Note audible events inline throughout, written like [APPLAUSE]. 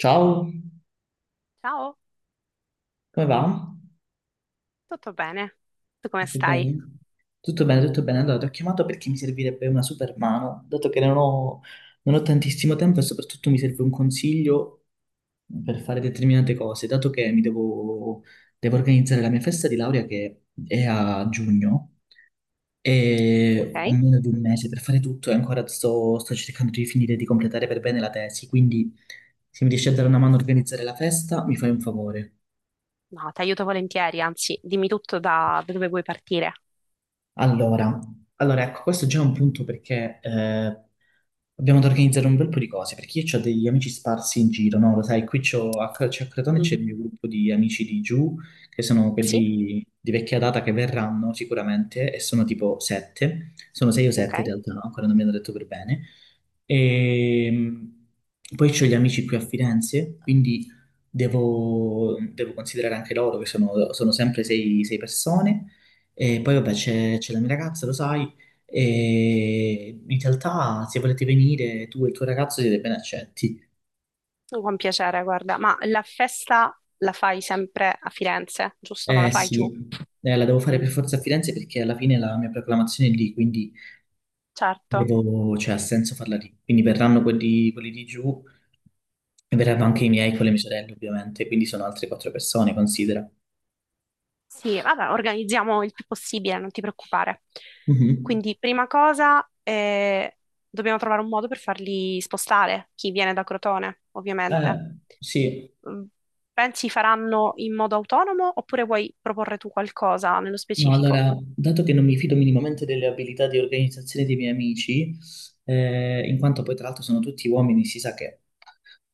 Ciao, Ciao, come va? tutto bene? Tu come Tutto stai? bene? Tutto bene, tutto bene. Allora, ti ho chiamato perché mi servirebbe una super mano, dato che non ho tantissimo tempo e soprattutto mi serve un consiglio per fare determinate cose, dato che devo organizzare la mia festa di laurea che è a giugno e ho Ok? meno di un mese per fare tutto e ancora sto cercando di finire di completare per bene la tesi, quindi se mi riesci a dare una mano a organizzare la festa, mi fai un favore. No, ti aiuto volentieri, anzi, dimmi tutto da dove vuoi partire. Allora, allora, ecco, questo è già un punto perché abbiamo da organizzare un bel po' di cose, perché io ho degli amici sparsi in giro, no? Lo sai, qui c'è a Crotone c'è Mm. il mio gruppo di amici di giù, che sono Sì? quelli di vecchia data che verranno sicuramente, e sono tipo sette, sono sei o Ok, sette in realtà, no? Ancora non mi hanno detto per bene, e poi ho gli amici qui a Firenze, quindi devo considerare anche loro, che sono sempre sei persone. E poi vabbè c'è la mia ragazza, lo sai, e in realtà se volete venire tu e il tuo ragazzo siete ben accetti. con piacere, guarda. Ma la festa la fai sempre a Firenze, giusto? Non la Eh fai sì, giù? La devo fare per Mm. forza a Firenze perché alla fine la mia proclamazione è lì, quindi Certo. devo, cioè, ha senso farla lì. Quindi verranno quelli di giù, e verranno anche i miei con le mie sorelle, ovviamente, quindi sono altre quattro persone, considera. Sì, vabbè, organizziamo il più possibile, non ti preoccupare. Mhm. Quindi, prima cosa, dobbiamo trovare un modo per farli spostare, chi viene da Crotone, ovviamente. Sì, Mm. Pensi faranno in modo autonomo oppure vuoi proporre tu qualcosa nello no, specifico? allora, dato che non mi fido minimamente delle abilità di organizzazione dei miei amici, in quanto poi tra l'altro sono tutti uomini, si sa che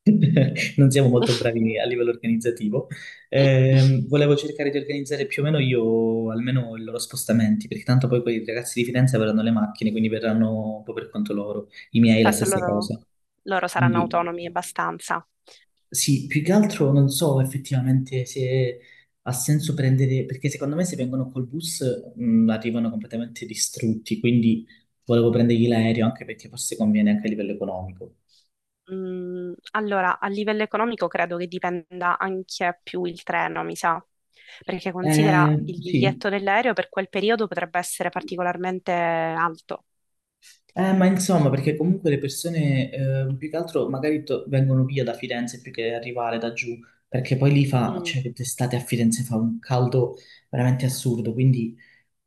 [LAUGHS] non siamo molto bravi a livello organizzativo, volevo cercare di organizzare più o meno io almeno i loro spostamenti, perché tanto poi quei ragazzi di Firenze avranno le macchine, quindi verranno un po' per conto loro, i miei la Certo, stessa cosa. loro saranno Quindi autonomi abbastanza. sì, più che altro non so effettivamente se ha senso prendere, perché secondo me se vengono col bus arrivano completamente distrutti, quindi volevo prendergli l'aereo anche perché forse conviene anche a livello economico. Mm, allora, a livello economico credo che dipenda anche più il treno, mi sa, perché considera il Sì, biglietto dell'aereo per quel periodo potrebbe essere particolarmente alto. eh, ma insomma, perché comunque le persone più che altro magari vengono via da Firenze più che arrivare da giù, perché poi lì fa, Mm. cioè d'estate a Firenze fa un caldo veramente assurdo, quindi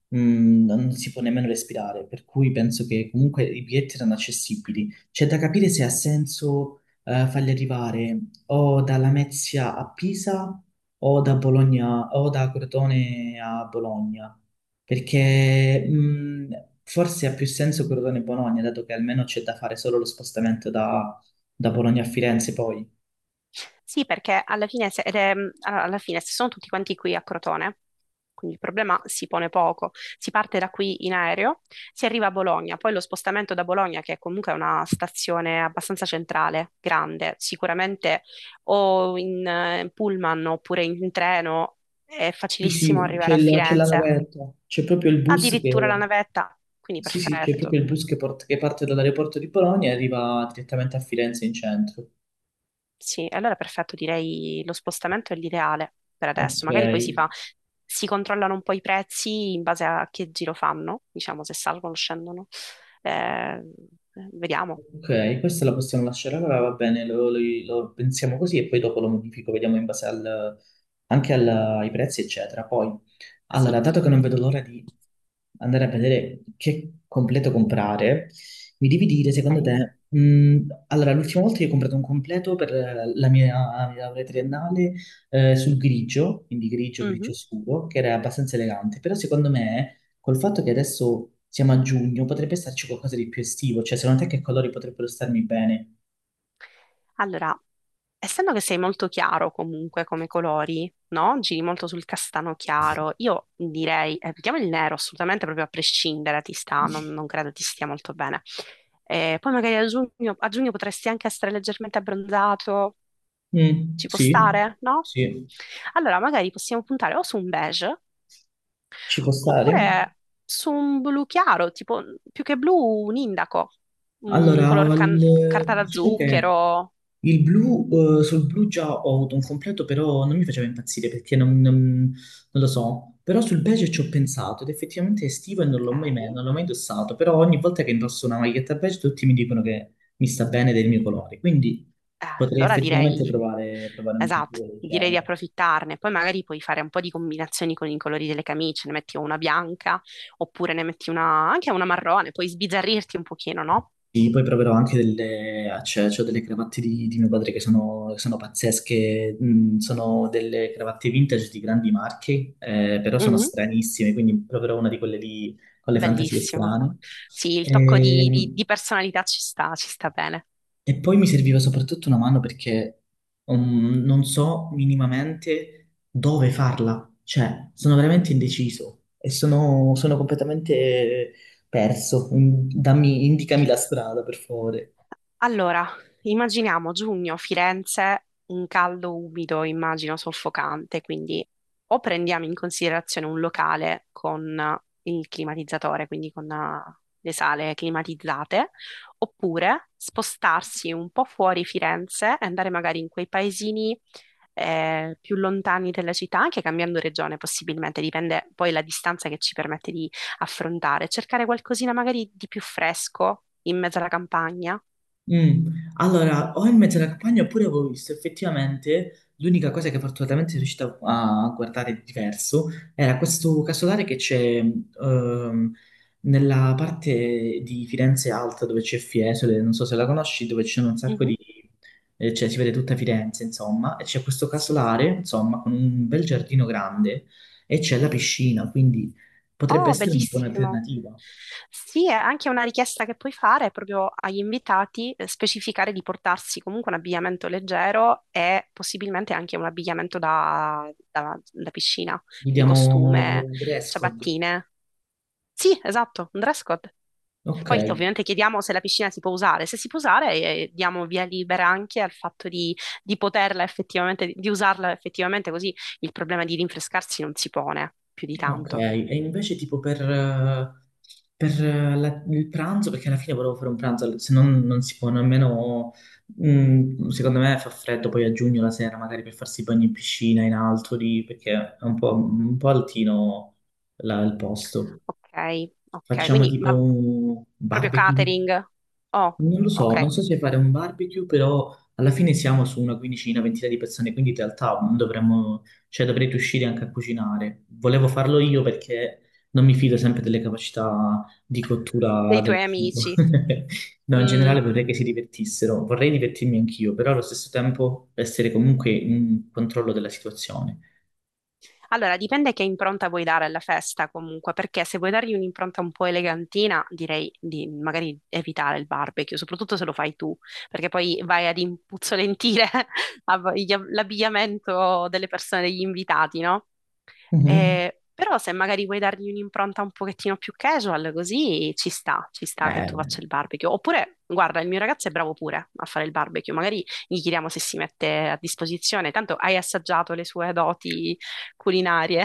non si può nemmeno respirare, per cui penso che comunque i biglietti erano accessibili. C'è da capire se ha senso farli arrivare o da Lamezia a Pisa o da Bologna o da Crotone a Bologna. Perché forse ha più senso Crotone-Bologna, dato che almeno c'è da fare solo lo spostamento da, da Bologna a Firenze poi. Sì, perché alla fine, se, ed è- alla fine se sono tutti quanti qui a Crotone, quindi il problema si pone poco. Si parte da qui in aereo, si arriva a Bologna, poi lo spostamento da Bologna, che comunque è una stazione abbastanza centrale, grande, sicuramente o in pullman oppure in treno è Sì, facilissimo sì, arrivare a c'è la Firenze, navetta, c'è proprio il bus addirittura la che, navetta, quindi sì, sì, c'è perfetto. proprio il bus che, che parte dall'aeroporto di Bologna e arriva direttamente a Firenze in centro. Sì, allora perfetto, direi lo spostamento è l'ideale per Ok. adesso. Magari poi si controllano un po' i prezzi in base a che giro fanno, diciamo se salgono o scendono. Eh, vediamo. Ok, questa la possiamo lasciare allora, va bene, lo pensiamo così e poi dopo lo modifico, vediamo in anche ai prezzi, eccetera. Poi, Sì. allora, dato che non vedo l'ora di andare a vedere che completo comprare, mi devi dire, secondo Ok. te, allora, l'ultima volta io ho comprato un completo per la mia laurea triennale sul grigio, quindi grigio, Mhm. grigio scuro, che era abbastanza elegante, però secondo me col fatto che adesso siamo a giugno, potrebbe starci qualcosa di più estivo, cioè secondo te che colori potrebbero starmi bene? Allora, essendo che sei molto chiaro comunque come colori, no? Giri molto sul castano chiaro, io direi, mettiamo il nero assolutamente proprio a prescindere, ti sta, non credo ti stia molto bene. Poi magari a giugno potresti anche essere leggermente abbronzato, Mm, ci può sì, stare, no? sì, Allora, magari possiamo puntare o su un beige ci può stare? oppure su un blu chiaro, tipo più che blu, un indaco, un color carta da Diciamo che zucchero. il blu, sul blu già ho avuto un completo, però non mi faceva impazzire perché non lo so. Però sul beige ci ho pensato ed effettivamente è estivo e Ok. non l'ho mai indossato. Però ogni volta che indosso una maglietta beige tutti mi dicono che mi sta bene del mio colore, quindi Eh, potrei allora effettivamente direi, provare un esatto, completo del direi di genere. approfittarne. Poi magari puoi fare un po' di combinazioni con i colori delle camicie, ne metti una bianca, oppure ne metti una, anche una marrone, puoi sbizzarrirti un pochino, no? Sì, poi proverò anche c'ho delle cravatte di mio padre che sono pazzesche, mm, sono delle cravatte vintage di grandi marche, però sono Mhm. stranissime, quindi proverò una di quelle lì con le fantasie Bellissimo. strane. Sì, il tocco di, E, di personalità ci sta bene. e poi mi serviva soprattutto una mano perché non so minimamente dove farla, cioè sono veramente indeciso e sono completamente perso. Mm, dammi, indicami la strada, per favore. Allora, immaginiamo giugno, Firenze, un caldo umido, immagino soffocante, quindi o prendiamo in considerazione un locale con il climatizzatore, quindi con le sale climatizzate, oppure spostarsi un po' fuori Firenze e andare magari in quei paesini più lontani della città, anche cambiando regione possibilmente, dipende poi la distanza che ci permette di affrontare, cercare qualcosina magari di più fresco in mezzo alla campagna. Mm. Allora, o in mezzo alla campagna oppure avevo visto effettivamente l'unica cosa che fortunatamente sono riuscito a guardare di diverso era questo casolare che c'è ehm, nella parte di Firenze Alta dove c'è Fiesole, non so se la conosci, dove c'è un sacco Mhm, cioè si vede tutta Firenze insomma, e c'è questo sì. casolare insomma con un bel giardino grande e c'è la piscina, quindi potrebbe Oh, essere una buona bellissimo. alternativa. Sì, è anche una richiesta che puoi fare proprio agli invitati, specificare di portarsi comunque un abbigliamento leggero e possibilmente anche un abbigliamento da, da piscina, quindi Vediamo costume, un dress code. ciabattine. Sì, esatto, un dress code. Ok. Poi ovviamente chiediamo se la piscina si può usare. Se si può usare, diamo via libera anche al fatto di poterla effettivamente, di usarla effettivamente, così il problema di rinfrescarsi non si pone più di Ok, tanto. e invece tipo per il pranzo, perché alla fine volevo fare un pranzo, se no non si può nemmeno, mm, secondo me fa freddo poi a giugno la sera magari per farsi i bagni in piscina, in alto lì, perché è un po' altino là il posto. Ok, ok, Facciamo quindi tipo ma un proprio barbecue. catering. Oh, Non lo so, non ok, so se fare un barbecue, però alla fine siamo su una quindicina, ventina di persone, quindi in realtà non dovremmo, cioè dovrei riuscire anche a cucinare. Volevo farlo io perché non mi fido sempre delle capacità di cottura dei del tuoi cibo. amici. [LAUGHS] No, in Mm, generale vorrei che si divertissero, vorrei divertirmi anch'io, però allo stesso tempo essere comunque in controllo della situazione. allora, dipende che impronta vuoi dare alla festa comunque, perché se vuoi dargli un'impronta un po' elegantina, direi di magari evitare il barbecue, soprattutto se lo fai tu, perché poi vai ad impuzzolentire [LAUGHS] l'abbigliamento delle persone, degli invitati, no? Mhm. Però se magari vuoi dargli un'impronta un pochettino più casual, così ci sta che tu faccia Bene. il barbecue. Oppure, guarda, il mio ragazzo è bravo pure a fare il barbecue, magari gli chiediamo se si mette a disposizione, tanto hai assaggiato le sue doti culinarie.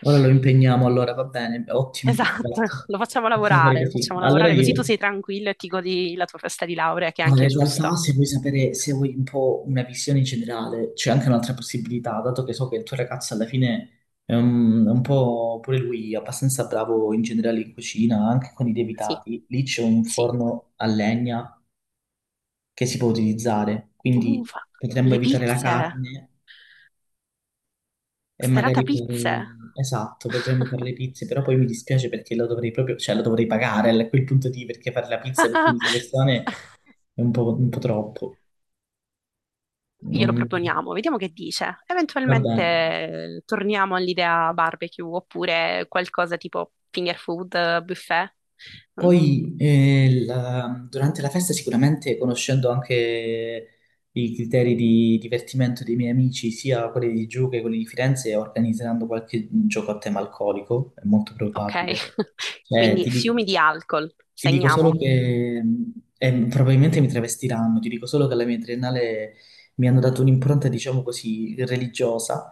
Ora lo impegniamo, allora va bene, ottimo, Esatto, perfetto. Possiamo fare lo così. facciamo Allora lavorare così tu io. sei tranquillo e ti godi la tua festa di laurea, che è Allora, anche in realtà giusta. se vuoi sapere, se vuoi un po' una visione in generale, c'è anche un'altra possibilità, dato che so che il tuo ragazzo alla fine è un po' pure lui abbastanza bravo in generale in cucina, anche con i Sì, lievitati. Lì c'è un sì. forno a legna che si può utilizzare, quindi Ufa, potremmo le evitare la pizze, carne e serata magari pizze. fare... Esatto, potremmo fare le pizze, però poi mi dispiace perché lo dovrei proprio, cioè lo dovrei pagare a quel punto di perché fare la pizza per 15 [LAUGHS] persone è un po' troppo. Glielo Non- proponiamo, vediamo che dice. Vabbè, Eventualmente torniamo all'idea barbecue oppure qualcosa tipo finger food, buffet. Mm? poi durante la festa sicuramente conoscendo anche i criteri di divertimento dei miei amici, sia quelli di giù che quelli di Firenze, organizzeranno qualche gioco a tema alcolico, è molto Ok, probabile. [LAUGHS] Cioè, quindi ti fiumi dico di alcol, ti dico solo segniamo. che probabilmente mi travestiranno, ti dico solo che alla mia triennale mi hanno dato un'impronta, diciamo così, religiosa.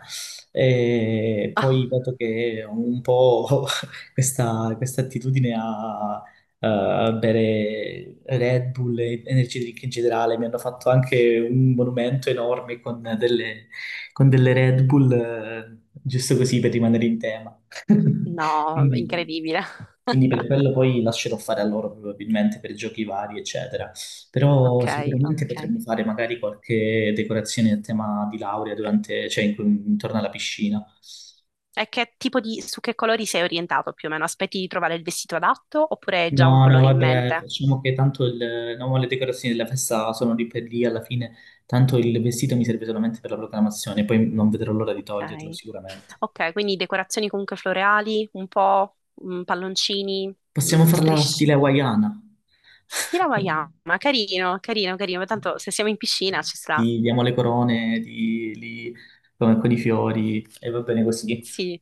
E [LAUGHS] Ah, poi, dato che ho un po' [LAUGHS] questa attitudine a, a bere Red Bull e energy drink in generale, mi hanno fatto anche un monumento enorme con delle Red Bull, giusto così per rimanere in tema. [LAUGHS] no, Quindi, incredibile. quindi per quello poi lascerò fare a loro probabilmente per giochi vari, eccetera. Però Ok, sicuramente ok. potremmo fare magari qualche decorazione a tema di laurea durante, cioè intorno alla piscina. E che tipo di, su che colori sei orientato più o meno? Aspetti di trovare il vestito adatto oppure hai già un No, no, colore in vabbè, mente? facciamo che tanto il, no, le decorazioni della festa sono lì per lì alla fine, tanto il vestito mi serve solamente per la proclamazione, poi non vedrò l'ora di toglierlo Ok, sicuramente. ok, quindi decorazioni comunque floreali, un po' mm, palloncini, Possiamo mm, farla strisce. stile hawaiana. Sì, la [LAUGHS] Wayama, carino, carino, carino. Ma tanto se siamo in piscina ci sarà. Ti diamo le corone, ti, li, come con i fiori e va bene così. Sì.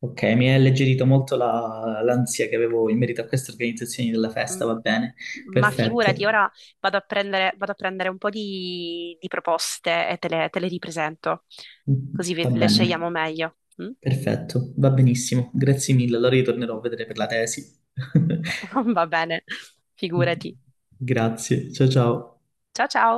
Ok, mi ha alleggerito molto l'ansia che avevo in merito a queste organizzazioni della festa, Mm. va bene, Ma figurati, perfetto, ora vado a prendere un po' di proposte e te te le ripresento, così va le scegliamo bene, meglio. Mm? Va benissimo, grazie mille, allora ritornerò a vedere per la tesi. [LAUGHS] [LAUGHS] Va bene, figurati. Grazie, ciao ciao. Ciao ciao!